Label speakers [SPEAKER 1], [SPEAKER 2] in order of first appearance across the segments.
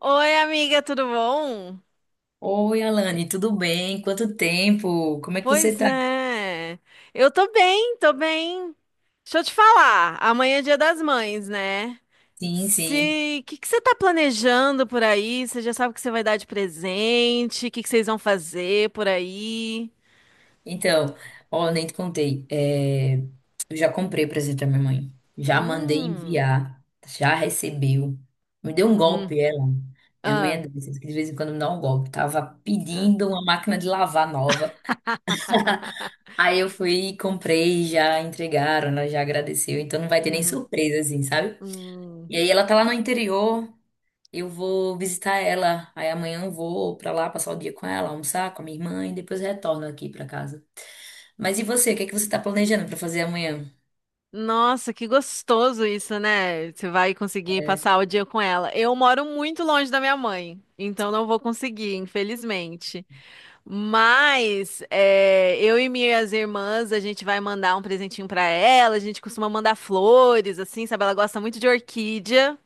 [SPEAKER 1] Oi, amiga, tudo bom?
[SPEAKER 2] Oi, Alane, tudo bem? Quanto tempo? Como é que você
[SPEAKER 1] Pois
[SPEAKER 2] tá?
[SPEAKER 1] é. Eu tô bem. Deixa eu te falar, amanhã é Dia das Mães, né?
[SPEAKER 2] Sim, sim.
[SPEAKER 1] Se, o que que você tá planejando por aí? Você já sabe o que você vai dar de presente? O que que vocês vão fazer por aí?
[SPEAKER 2] Então, ó, nem te contei. Eu já comprei presente pra minha mãe. Já mandei
[SPEAKER 1] Hum.
[SPEAKER 2] enviar. Já recebeu. Me deu um
[SPEAKER 1] Uhum.
[SPEAKER 2] golpe, ela. Minha mãe
[SPEAKER 1] Ah.
[SPEAKER 2] é dessas que de vez em quando me dá um golpe. Tava
[SPEAKER 1] Ah.
[SPEAKER 2] pedindo uma máquina de lavar nova. Aí eu fui, e comprei, já entregaram, ela já agradeceu. Então não vai ter nem
[SPEAKER 1] Uhum.
[SPEAKER 2] surpresa, assim, sabe?
[SPEAKER 1] Hum.
[SPEAKER 2] E aí ela tá lá no interior. Eu vou visitar ela. Aí amanhã eu vou pra lá passar o dia com ela, almoçar com a minha irmã e depois retorno aqui pra casa. Mas e você? O que é que você tá planejando pra fazer amanhã?
[SPEAKER 1] Nossa, que gostoso isso, né? Você vai conseguir
[SPEAKER 2] É,
[SPEAKER 1] passar o dia com ela. Eu moro muito longe da minha mãe, então não vou conseguir, infelizmente. Mas é, eu e minhas irmãs, a gente vai mandar um presentinho pra ela. A gente costuma mandar flores, assim, sabe? Ela gosta muito de orquídea.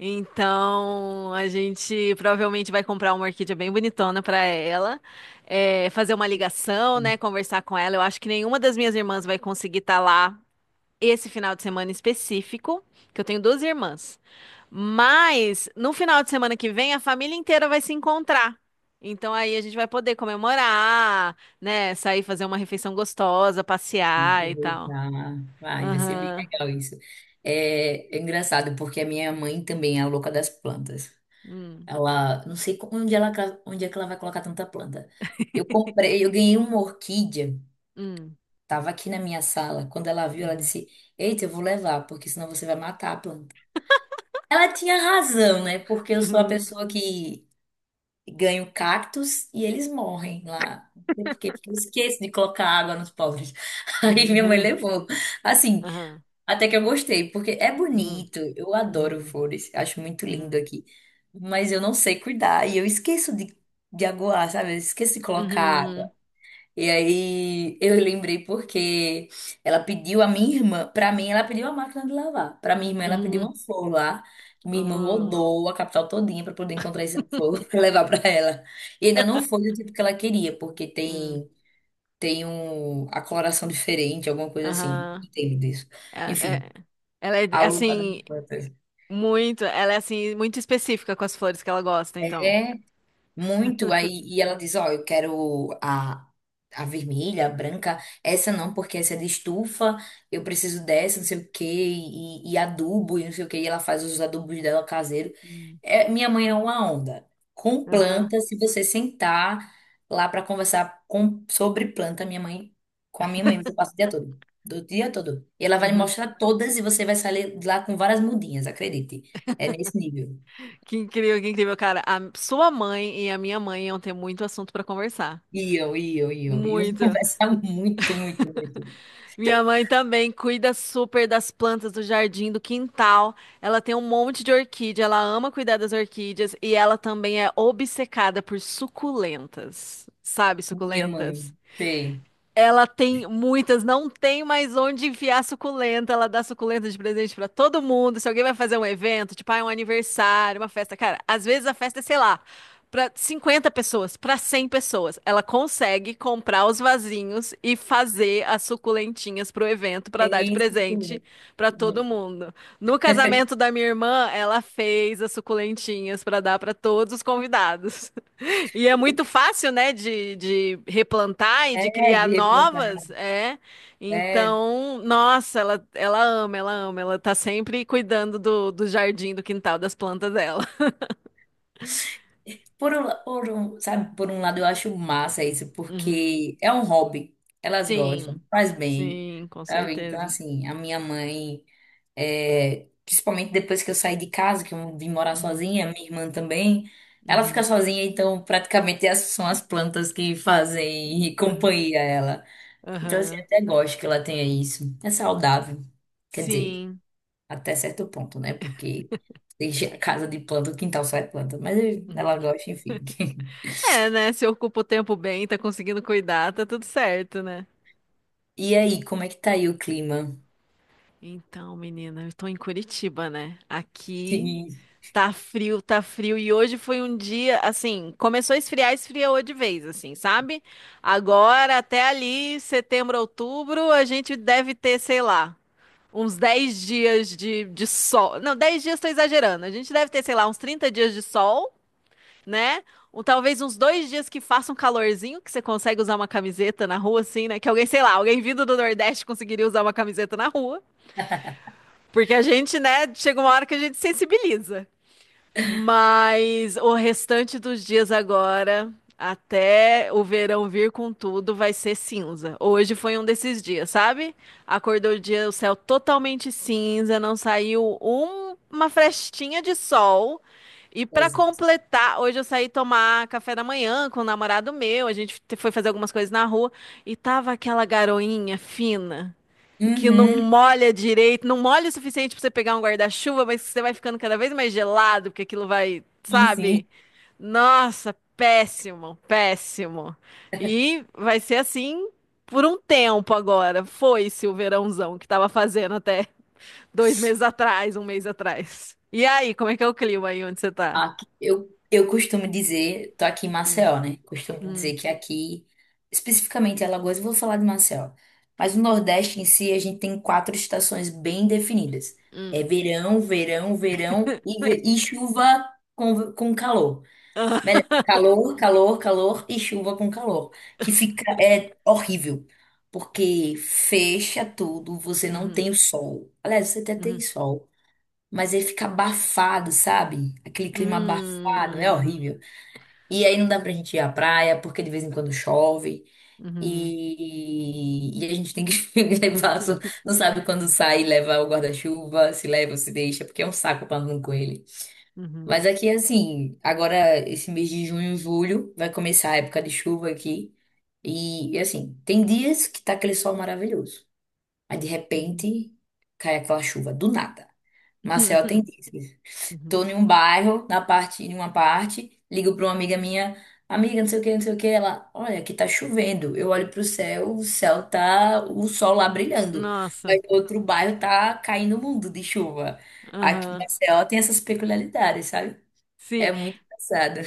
[SPEAKER 1] Então a gente provavelmente vai comprar uma orquídea bem bonitona pra ela, fazer uma ligação, né? Conversar com ela. Eu acho que nenhuma das minhas irmãs vai conseguir estar lá esse final de semana específico, que eu tenho duas irmãs. Mas no final de semana que vem a família inteira vai se encontrar. Então aí a gente vai poder comemorar, né? Sair fazer uma refeição gostosa, passear e tal.
[SPEAKER 2] aproveitar. Vai ser bem
[SPEAKER 1] Aham.
[SPEAKER 2] legal isso. É engraçado porque a minha mãe também é a louca das plantas.
[SPEAKER 1] Hum,
[SPEAKER 2] Ela, não sei onde ela, onde é que ela vai colocar tanta planta. Eu comprei, eu ganhei uma orquídea.
[SPEAKER 1] hum,
[SPEAKER 2] Tava aqui na minha sala. Quando ela viu, ela
[SPEAKER 1] uhum.
[SPEAKER 2] disse: eita, eu vou levar, porque senão você vai matar a planta. Ela tinha razão, né? Porque eu sou a
[SPEAKER 1] Uhum,
[SPEAKER 2] pessoa que ganho cactos e eles morrem lá. Não sei por quê, porque eu esqueço de colocar água nos pobres. Aí minha mãe
[SPEAKER 1] uhum,
[SPEAKER 2] levou. Assim,
[SPEAKER 1] aham,
[SPEAKER 2] até que eu gostei, porque é
[SPEAKER 1] uhum,
[SPEAKER 2] bonito. Eu adoro
[SPEAKER 1] uhum,
[SPEAKER 2] flores, acho muito lindo
[SPEAKER 1] uhum,
[SPEAKER 2] aqui. Mas eu não sei cuidar e eu esqueço de aguar, sabe? Eu esqueço de colocar
[SPEAKER 1] uhum,
[SPEAKER 2] água. E aí eu lembrei porque ela pediu a minha irmã, pra mim ela pediu a máquina de lavar. Pra minha irmã ela pediu
[SPEAKER 1] uhum,
[SPEAKER 2] uma flor lá. Minha irmã
[SPEAKER 1] uhum,
[SPEAKER 2] rodou a capital todinha pra poder encontrar essa flor pra levar pra ela. E ainda não foi do tipo que ela queria, porque
[SPEAKER 1] uhum,
[SPEAKER 2] tem um a coloração diferente, alguma coisa assim. Não
[SPEAKER 1] aham.
[SPEAKER 2] entendo disso.
[SPEAKER 1] É,
[SPEAKER 2] Enfim,
[SPEAKER 1] é- ela
[SPEAKER 2] a
[SPEAKER 1] é
[SPEAKER 2] louca da minha
[SPEAKER 1] assim,
[SPEAKER 2] irmã.
[SPEAKER 1] muito, ela é assim, muito específica com as flores que ela gosta, então.
[SPEAKER 2] Muito, aí, e ela diz, ó, a vermelha, a branca, essa não, porque essa é de estufa, eu preciso dessa, não sei o quê, e adubo, e não sei o quê, e ela faz os adubos dela caseiro.
[SPEAKER 1] Hum.
[SPEAKER 2] É, minha mãe é uma onda. Com
[SPEAKER 1] Aham.
[SPEAKER 2] planta, se você sentar lá para conversar com, sobre planta, com a minha mãe, você passa o dia todo, do dia todo. E ela vai lhe
[SPEAKER 1] Aham.
[SPEAKER 2] mostrar todas e você vai sair lá com várias mudinhas, acredite. É nesse nível.
[SPEAKER 1] Que incrível, cara. A sua mãe e a minha mãe iam ter muito assunto pra conversar.
[SPEAKER 2] E eu
[SPEAKER 1] Muito.
[SPEAKER 2] conversava muito, muito, muito.
[SPEAKER 1] Minha mãe também cuida super das plantas do jardim, do quintal. Ela tem um monte de orquídea, ela ama cuidar das orquídeas e ela também é obcecada por suculentas. Sabe,
[SPEAKER 2] Minha mãe,
[SPEAKER 1] suculentas?
[SPEAKER 2] sei,
[SPEAKER 1] Ela tem muitas, não tem mais onde enfiar suculenta. Ela dá suculenta de presente pra todo mundo. Se alguém vai fazer um evento, tipo, ah, é um aniversário, uma festa, cara, às vezes a festa é, sei lá, pra 50 pessoas, pra 100 pessoas. Ela consegue comprar os vasinhos e fazer as suculentinhas pro evento pra dar de
[SPEAKER 2] tem isso
[SPEAKER 1] presente
[SPEAKER 2] comigo.
[SPEAKER 1] pra todo mundo. No casamento da minha irmã, ela fez as suculentinhas pra dar pra todos os convidados. E é muito fácil, né, de replantar e de
[SPEAKER 2] É,
[SPEAKER 1] criar
[SPEAKER 2] de replantar.
[SPEAKER 1] novas, é.
[SPEAKER 2] É,
[SPEAKER 1] Então, nossa, ela ama, ela ama, ela tá sempre cuidando do jardim, do quintal, das plantas dela.
[SPEAKER 2] sabe, por um lado eu acho massa isso,
[SPEAKER 1] Uhum.
[SPEAKER 2] porque é um hobby, elas gostam,
[SPEAKER 1] Sim,
[SPEAKER 2] faz bem,
[SPEAKER 1] sim, com
[SPEAKER 2] sabe? Então,
[SPEAKER 1] certeza.
[SPEAKER 2] assim, a minha mãe, principalmente depois que eu saí de casa, que eu vim morar
[SPEAKER 1] Uhum,
[SPEAKER 2] sozinha, minha irmã também, ela fica
[SPEAKER 1] uhum,
[SPEAKER 2] sozinha, então praticamente essas são as plantas que fazem
[SPEAKER 1] aham,
[SPEAKER 2] companhia a ela. Então, assim,
[SPEAKER 1] aham,
[SPEAKER 2] até gosto que ela tenha isso. É saudável. Quer dizer,
[SPEAKER 1] sim.
[SPEAKER 2] até certo ponto, né? Porque deixa a casa de planta, o quintal só é planta. Mas ela
[SPEAKER 1] Uhum.
[SPEAKER 2] gosta, enfim.
[SPEAKER 1] É, né, se ocupa o tempo bem, tá conseguindo cuidar, tá tudo certo, né?
[SPEAKER 2] E aí, como é que tá aí o clima?
[SPEAKER 1] Então, menina, eu tô em Curitiba, né? Aqui
[SPEAKER 2] Sim.
[SPEAKER 1] tá frio, tá frio. E hoje foi um dia, assim, começou a esfriar, esfriou de vez, assim, sabe? Agora, até ali, setembro, outubro, a gente deve ter, sei lá, uns 10 dias de sol. Não, 10 dias tô exagerando. A gente deve ter, sei lá, uns 30 dias de sol, né? Ou talvez uns dois dias que faça um calorzinho, que você consegue usar uma camiseta na rua, assim, né? Que alguém, sei lá, alguém vindo do Nordeste conseguiria usar uma camiseta na rua. Porque a gente, né, chega uma hora que a gente sensibiliza. Mas o restante dos dias agora, até o verão vir com tudo, vai ser cinza. Hoje foi um desses dias, sabe? Acordou o dia, o céu totalmente cinza, não saiu uma frestinha de sol. E pra
[SPEAKER 2] Jesus.
[SPEAKER 1] completar, hoje eu saí tomar café da manhã com o namorado meu, a gente foi fazer algumas coisas na rua e tava aquela garoinha fina que não
[SPEAKER 2] Uhum.
[SPEAKER 1] molha direito, não molha o suficiente pra você pegar um guarda-chuva, mas você vai ficando cada vez mais gelado, porque aquilo vai,
[SPEAKER 2] Sim,
[SPEAKER 1] sabe?
[SPEAKER 2] sim.
[SPEAKER 1] Nossa, péssimo, péssimo. E vai ser assim por um tempo agora. Foi-se o verãozão que tava fazendo até dois meses atrás, um mês atrás. E aí, como é que é o clima aí onde você tá?
[SPEAKER 2] Aqui, eu costumo dizer, tô aqui em Maceió, né? Costumo dizer
[SPEAKER 1] Hum,
[SPEAKER 2] que aqui, especificamente em Alagoas, eu vou falar de Maceió. Mas o Nordeste em si, a gente tem quatro estações bem definidas. É
[SPEAKER 1] hum.
[SPEAKER 2] verão, verão, verão e chuva com calor. Melhor, calor, calor, calor e chuva com calor. Que fica, é horrível. Porque fecha tudo, você não
[SPEAKER 1] Uhum,
[SPEAKER 2] tem o sol. Aliás, você até tem
[SPEAKER 1] uhum,
[SPEAKER 2] sol, mas aí fica abafado, sabe? Aquele clima abafado, é horrível. E aí não dá pra gente ir à praia, porque de vez em quando chove.
[SPEAKER 1] uhum,
[SPEAKER 2] E a gente tem que levar, não sabe quando sai, leva o guarda-chuva, se leva, se deixa, porque é um saco pra andar com ele.
[SPEAKER 1] uhum, uhum,
[SPEAKER 2] Mas aqui, assim, agora esse mês de junho e julho vai começar a época de chuva aqui. E assim, tem dias que tá aquele sol maravilhoso. Aí de
[SPEAKER 1] uhum, uhum,
[SPEAKER 2] repente cai aquela chuva, do nada. Maceió tem dias. Tô
[SPEAKER 1] uhum.
[SPEAKER 2] em um bairro, na parte, em uma parte, ligo pra uma amiga minha, amiga, não sei o que, não sei o que, ela, olha, aqui tá chovendo. Eu olho pro céu, o céu tá, o sol lá brilhando.
[SPEAKER 1] Nossa.
[SPEAKER 2] Mas no outro bairro tá caindo o mundo de chuva. Aqui em
[SPEAKER 1] Aham,
[SPEAKER 2] Maceió tem essas peculiaridades, sabe?
[SPEAKER 1] sim.
[SPEAKER 2] É muito engraçado.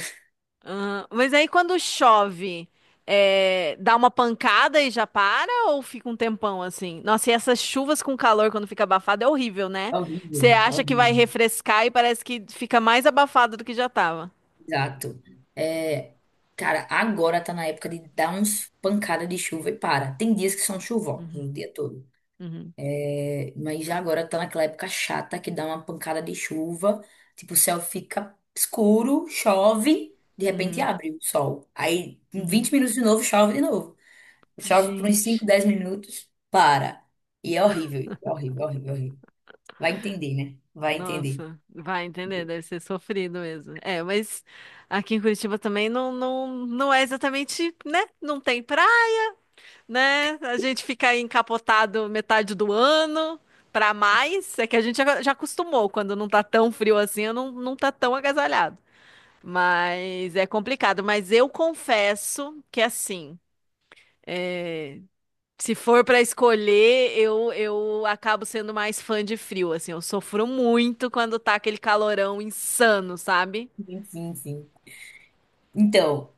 [SPEAKER 1] Aham. Mas aí quando chove, é, dá uma pancada e já para ou fica um tempão assim? Nossa, e essas chuvas com calor quando fica abafado é horrível, né?
[SPEAKER 2] É horrível,
[SPEAKER 1] Você
[SPEAKER 2] é
[SPEAKER 1] acha que vai
[SPEAKER 2] horrível.
[SPEAKER 1] refrescar e parece que fica mais abafado do que já tava.
[SPEAKER 2] Exato. É, cara, agora tá na época de dar uns pancada de chuva e para. Tem dias que são chuvosos o dia todo.
[SPEAKER 1] Uhum,
[SPEAKER 2] É, mas já agora tá naquela época chata que dá uma pancada de chuva, tipo, o céu fica escuro, chove, de repente
[SPEAKER 1] uhum,
[SPEAKER 2] abre o sol. Aí, em
[SPEAKER 1] uhum.
[SPEAKER 2] 20 minutos de novo. Chove por uns cinco,
[SPEAKER 1] Gente,
[SPEAKER 2] 10 minutos, para. E é horrível, horrível, horrível, horrível. Vai entender, né? Vai entender.
[SPEAKER 1] nossa, vai entender, deve ser sofrido mesmo. É, mas aqui em Curitiba também não é exatamente, né? Não tem praia. Né? A gente fica aí encapotado metade do ano pra mais. É que a gente já acostumou, quando não tá tão frio assim, não tá tão agasalhado. Mas é complicado. Mas eu confesso que assim, é, se for pra escolher, eu acabo sendo mais fã de frio, assim. Eu sofro muito quando tá aquele calorão insano, sabe?
[SPEAKER 2] Sim, sim, sim. Então,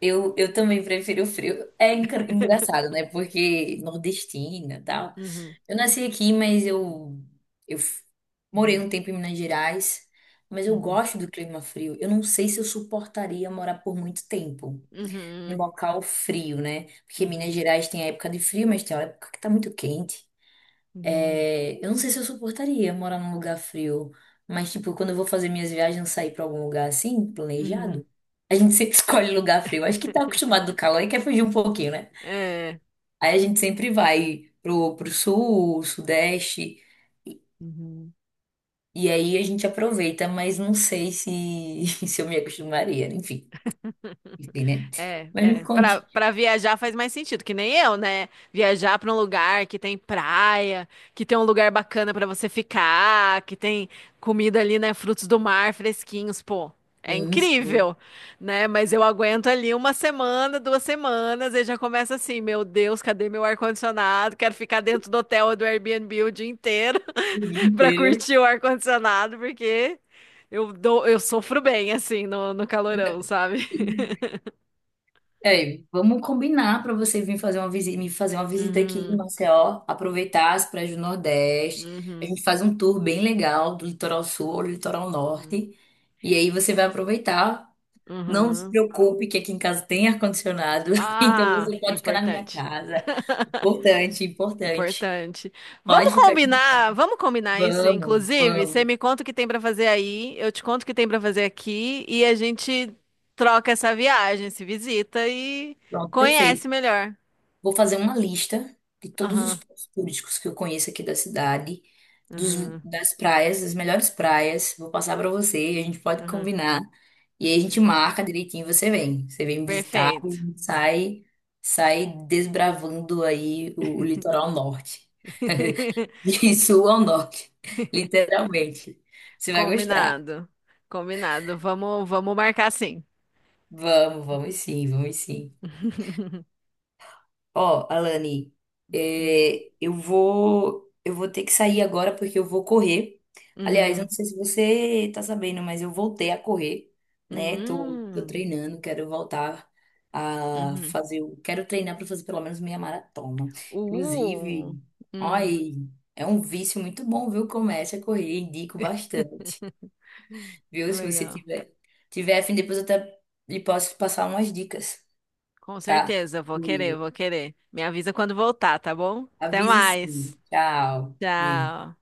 [SPEAKER 2] eu também prefiro o frio. É engraçado, né? Porque nordestina, tal.
[SPEAKER 1] Uhum,
[SPEAKER 2] Eu nasci aqui, mas eu morei
[SPEAKER 1] uhum,
[SPEAKER 2] um tempo em Minas Gerais, mas eu
[SPEAKER 1] uhum,
[SPEAKER 2] gosto do clima frio. Eu não sei se eu suportaria morar por muito tempo em um
[SPEAKER 1] uhum,
[SPEAKER 2] local frio, né? Porque
[SPEAKER 1] uhum,
[SPEAKER 2] Minas Gerais tem a época de frio, mas tem a época que tá muito quente.
[SPEAKER 1] uhum,
[SPEAKER 2] É, eu não sei se eu suportaria morar num lugar frio, mas tipo, quando eu vou fazer minhas viagens, sair pra algum lugar assim,
[SPEAKER 1] uhum.
[SPEAKER 2] planejado, a gente sempre escolhe lugar frio. Acho que tá acostumado do calor e quer fugir um pouquinho, né?
[SPEAKER 1] É.
[SPEAKER 2] Aí a gente sempre vai pro sul, sudeste.
[SPEAKER 1] Uhum.
[SPEAKER 2] E aí a gente aproveita, mas não sei se, se eu me acostumaria. Enfim, né?
[SPEAKER 1] É,
[SPEAKER 2] Mas me
[SPEAKER 1] é. Pra,
[SPEAKER 2] conte.
[SPEAKER 1] pra viajar faz mais sentido, que nem eu, né? Viajar pra um lugar que tem praia, que tem um lugar bacana pra você ficar, que tem comida ali, né? Frutos do mar fresquinhos, pô. É
[SPEAKER 2] Enfim,
[SPEAKER 1] incrível, né? Mas eu aguento ali uma semana, duas semanas, e já começa assim: meu Deus, cadê meu ar-condicionado? Quero ficar dentro do hotel ou do Airbnb o dia inteiro
[SPEAKER 2] o dia
[SPEAKER 1] pra
[SPEAKER 2] inteiro.
[SPEAKER 1] curtir o ar-condicionado, porque eu dou, eu sofro bem, assim, no calorão, sabe?
[SPEAKER 2] É, vamos combinar para você vir fazer uma visita, me fazer uma visita aqui em
[SPEAKER 1] Uhum,
[SPEAKER 2] Maceió, aproveitar as praias do Nordeste. A
[SPEAKER 1] uhum,
[SPEAKER 2] gente faz um tour bem legal do litoral sul ao litoral
[SPEAKER 1] uhum,
[SPEAKER 2] norte. E aí você vai aproveitar. Não se
[SPEAKER 1] uhum.
[SPEAKER 2] preocupe que aqui em casa tem ar-condicionado, então
[SPEAKER 1] Ah,
[SPEAKER 2] você pode ficar na minha
[SPEAKER 1] importante.
[SPEAKER 2] casa. Importante, importante.
[SPEAKER 1] Importante. Vamos
[SPEAKER 2] Pode ficar.
[SPEAKER 1] combinar, vamos combinar isso,
[SPEAKER 2] Vamos,
[SPEAKER 1] inclusive.
[SPEAKER 2] vamos.
[SPEAKER 1] Você me conta o que tem pra fazer aí, eu te conto o que tem pra fazer aqui e a gente troca essa viagem, se visita e
[SPEAKER 2] Pronto,
[SPEAKER 1] conhece
[SPEAKER 2] perfeito.
[SPEAKER 1] melhor.
[SPEAKER 2] Vou fazer uma lista de todos os
[SPEAKER 1] Aham,
[SPEAKER 2] pontos turísticos que eu conheço aqui da cidade, dos,
[SPEAKER 1] aham,
[SPEAKER 2] das praias, das melhores praias. Vou passar para você, a gente pode
[SPEAKER 1] aham,
[SPEAKER 2] combinar. E aí a gente
[SPEAKER 1] aham.
[SPEAKER 2] marca direitinho, você vem. Você vem me visitar e a
[SPEAKER 1] Perfeito.
[SPEAKER 2] gente sai, sai desbravando aí o litoral norte. De sul ao norte, literalmente. Você vai gostar.
[SPEAKER 1] Combinado. Combinado. Vamos, vamos marcar sim.
[SPEAKER 2] Vamos, vamos sim, vamos sim. Ó, Alane, eu vou ter que sair agora porque eu vou correr. Aliás, eu
[SPEAKER 1] Uhum.
[SPEAKER 2] não sei se você tá sabendo, mas eu voltei a correr, né? Tô
[SPEAKER 1] Hum,
[SPEAKER 2] treinando, quero voltar a
[SPEAKER 1] uhum.
[SPEAKER 2] fazer, quero treinar para fazer pelo menos meia maratona. Inclusive,
[SPEAKER 1] Uh,
[SPEAKER 2] olha
[SPEAKER 1] hum,
[SPEAKER 2] aí, é um vício muito bom, viu? Comece a correr, indico bastante, viu? Se você
[SPEAKER 1] legal.
[SPEAKER 2] tiver a fim, depois eu até lhe posso passar umas dicas,
[SPEAKER 1] Com
[SPEAKER 2] tá?
[SPEAKER 1] certeza, eu vou querer, eu vou querer. Me avisa quando voltar, tá bom? Até
[SPEAKER 2] Aviso sim.
[SPEAKER 1] mais.
[SPEAKER 2] Tchau. Beijo.
[SPEAKER 1] Tchau.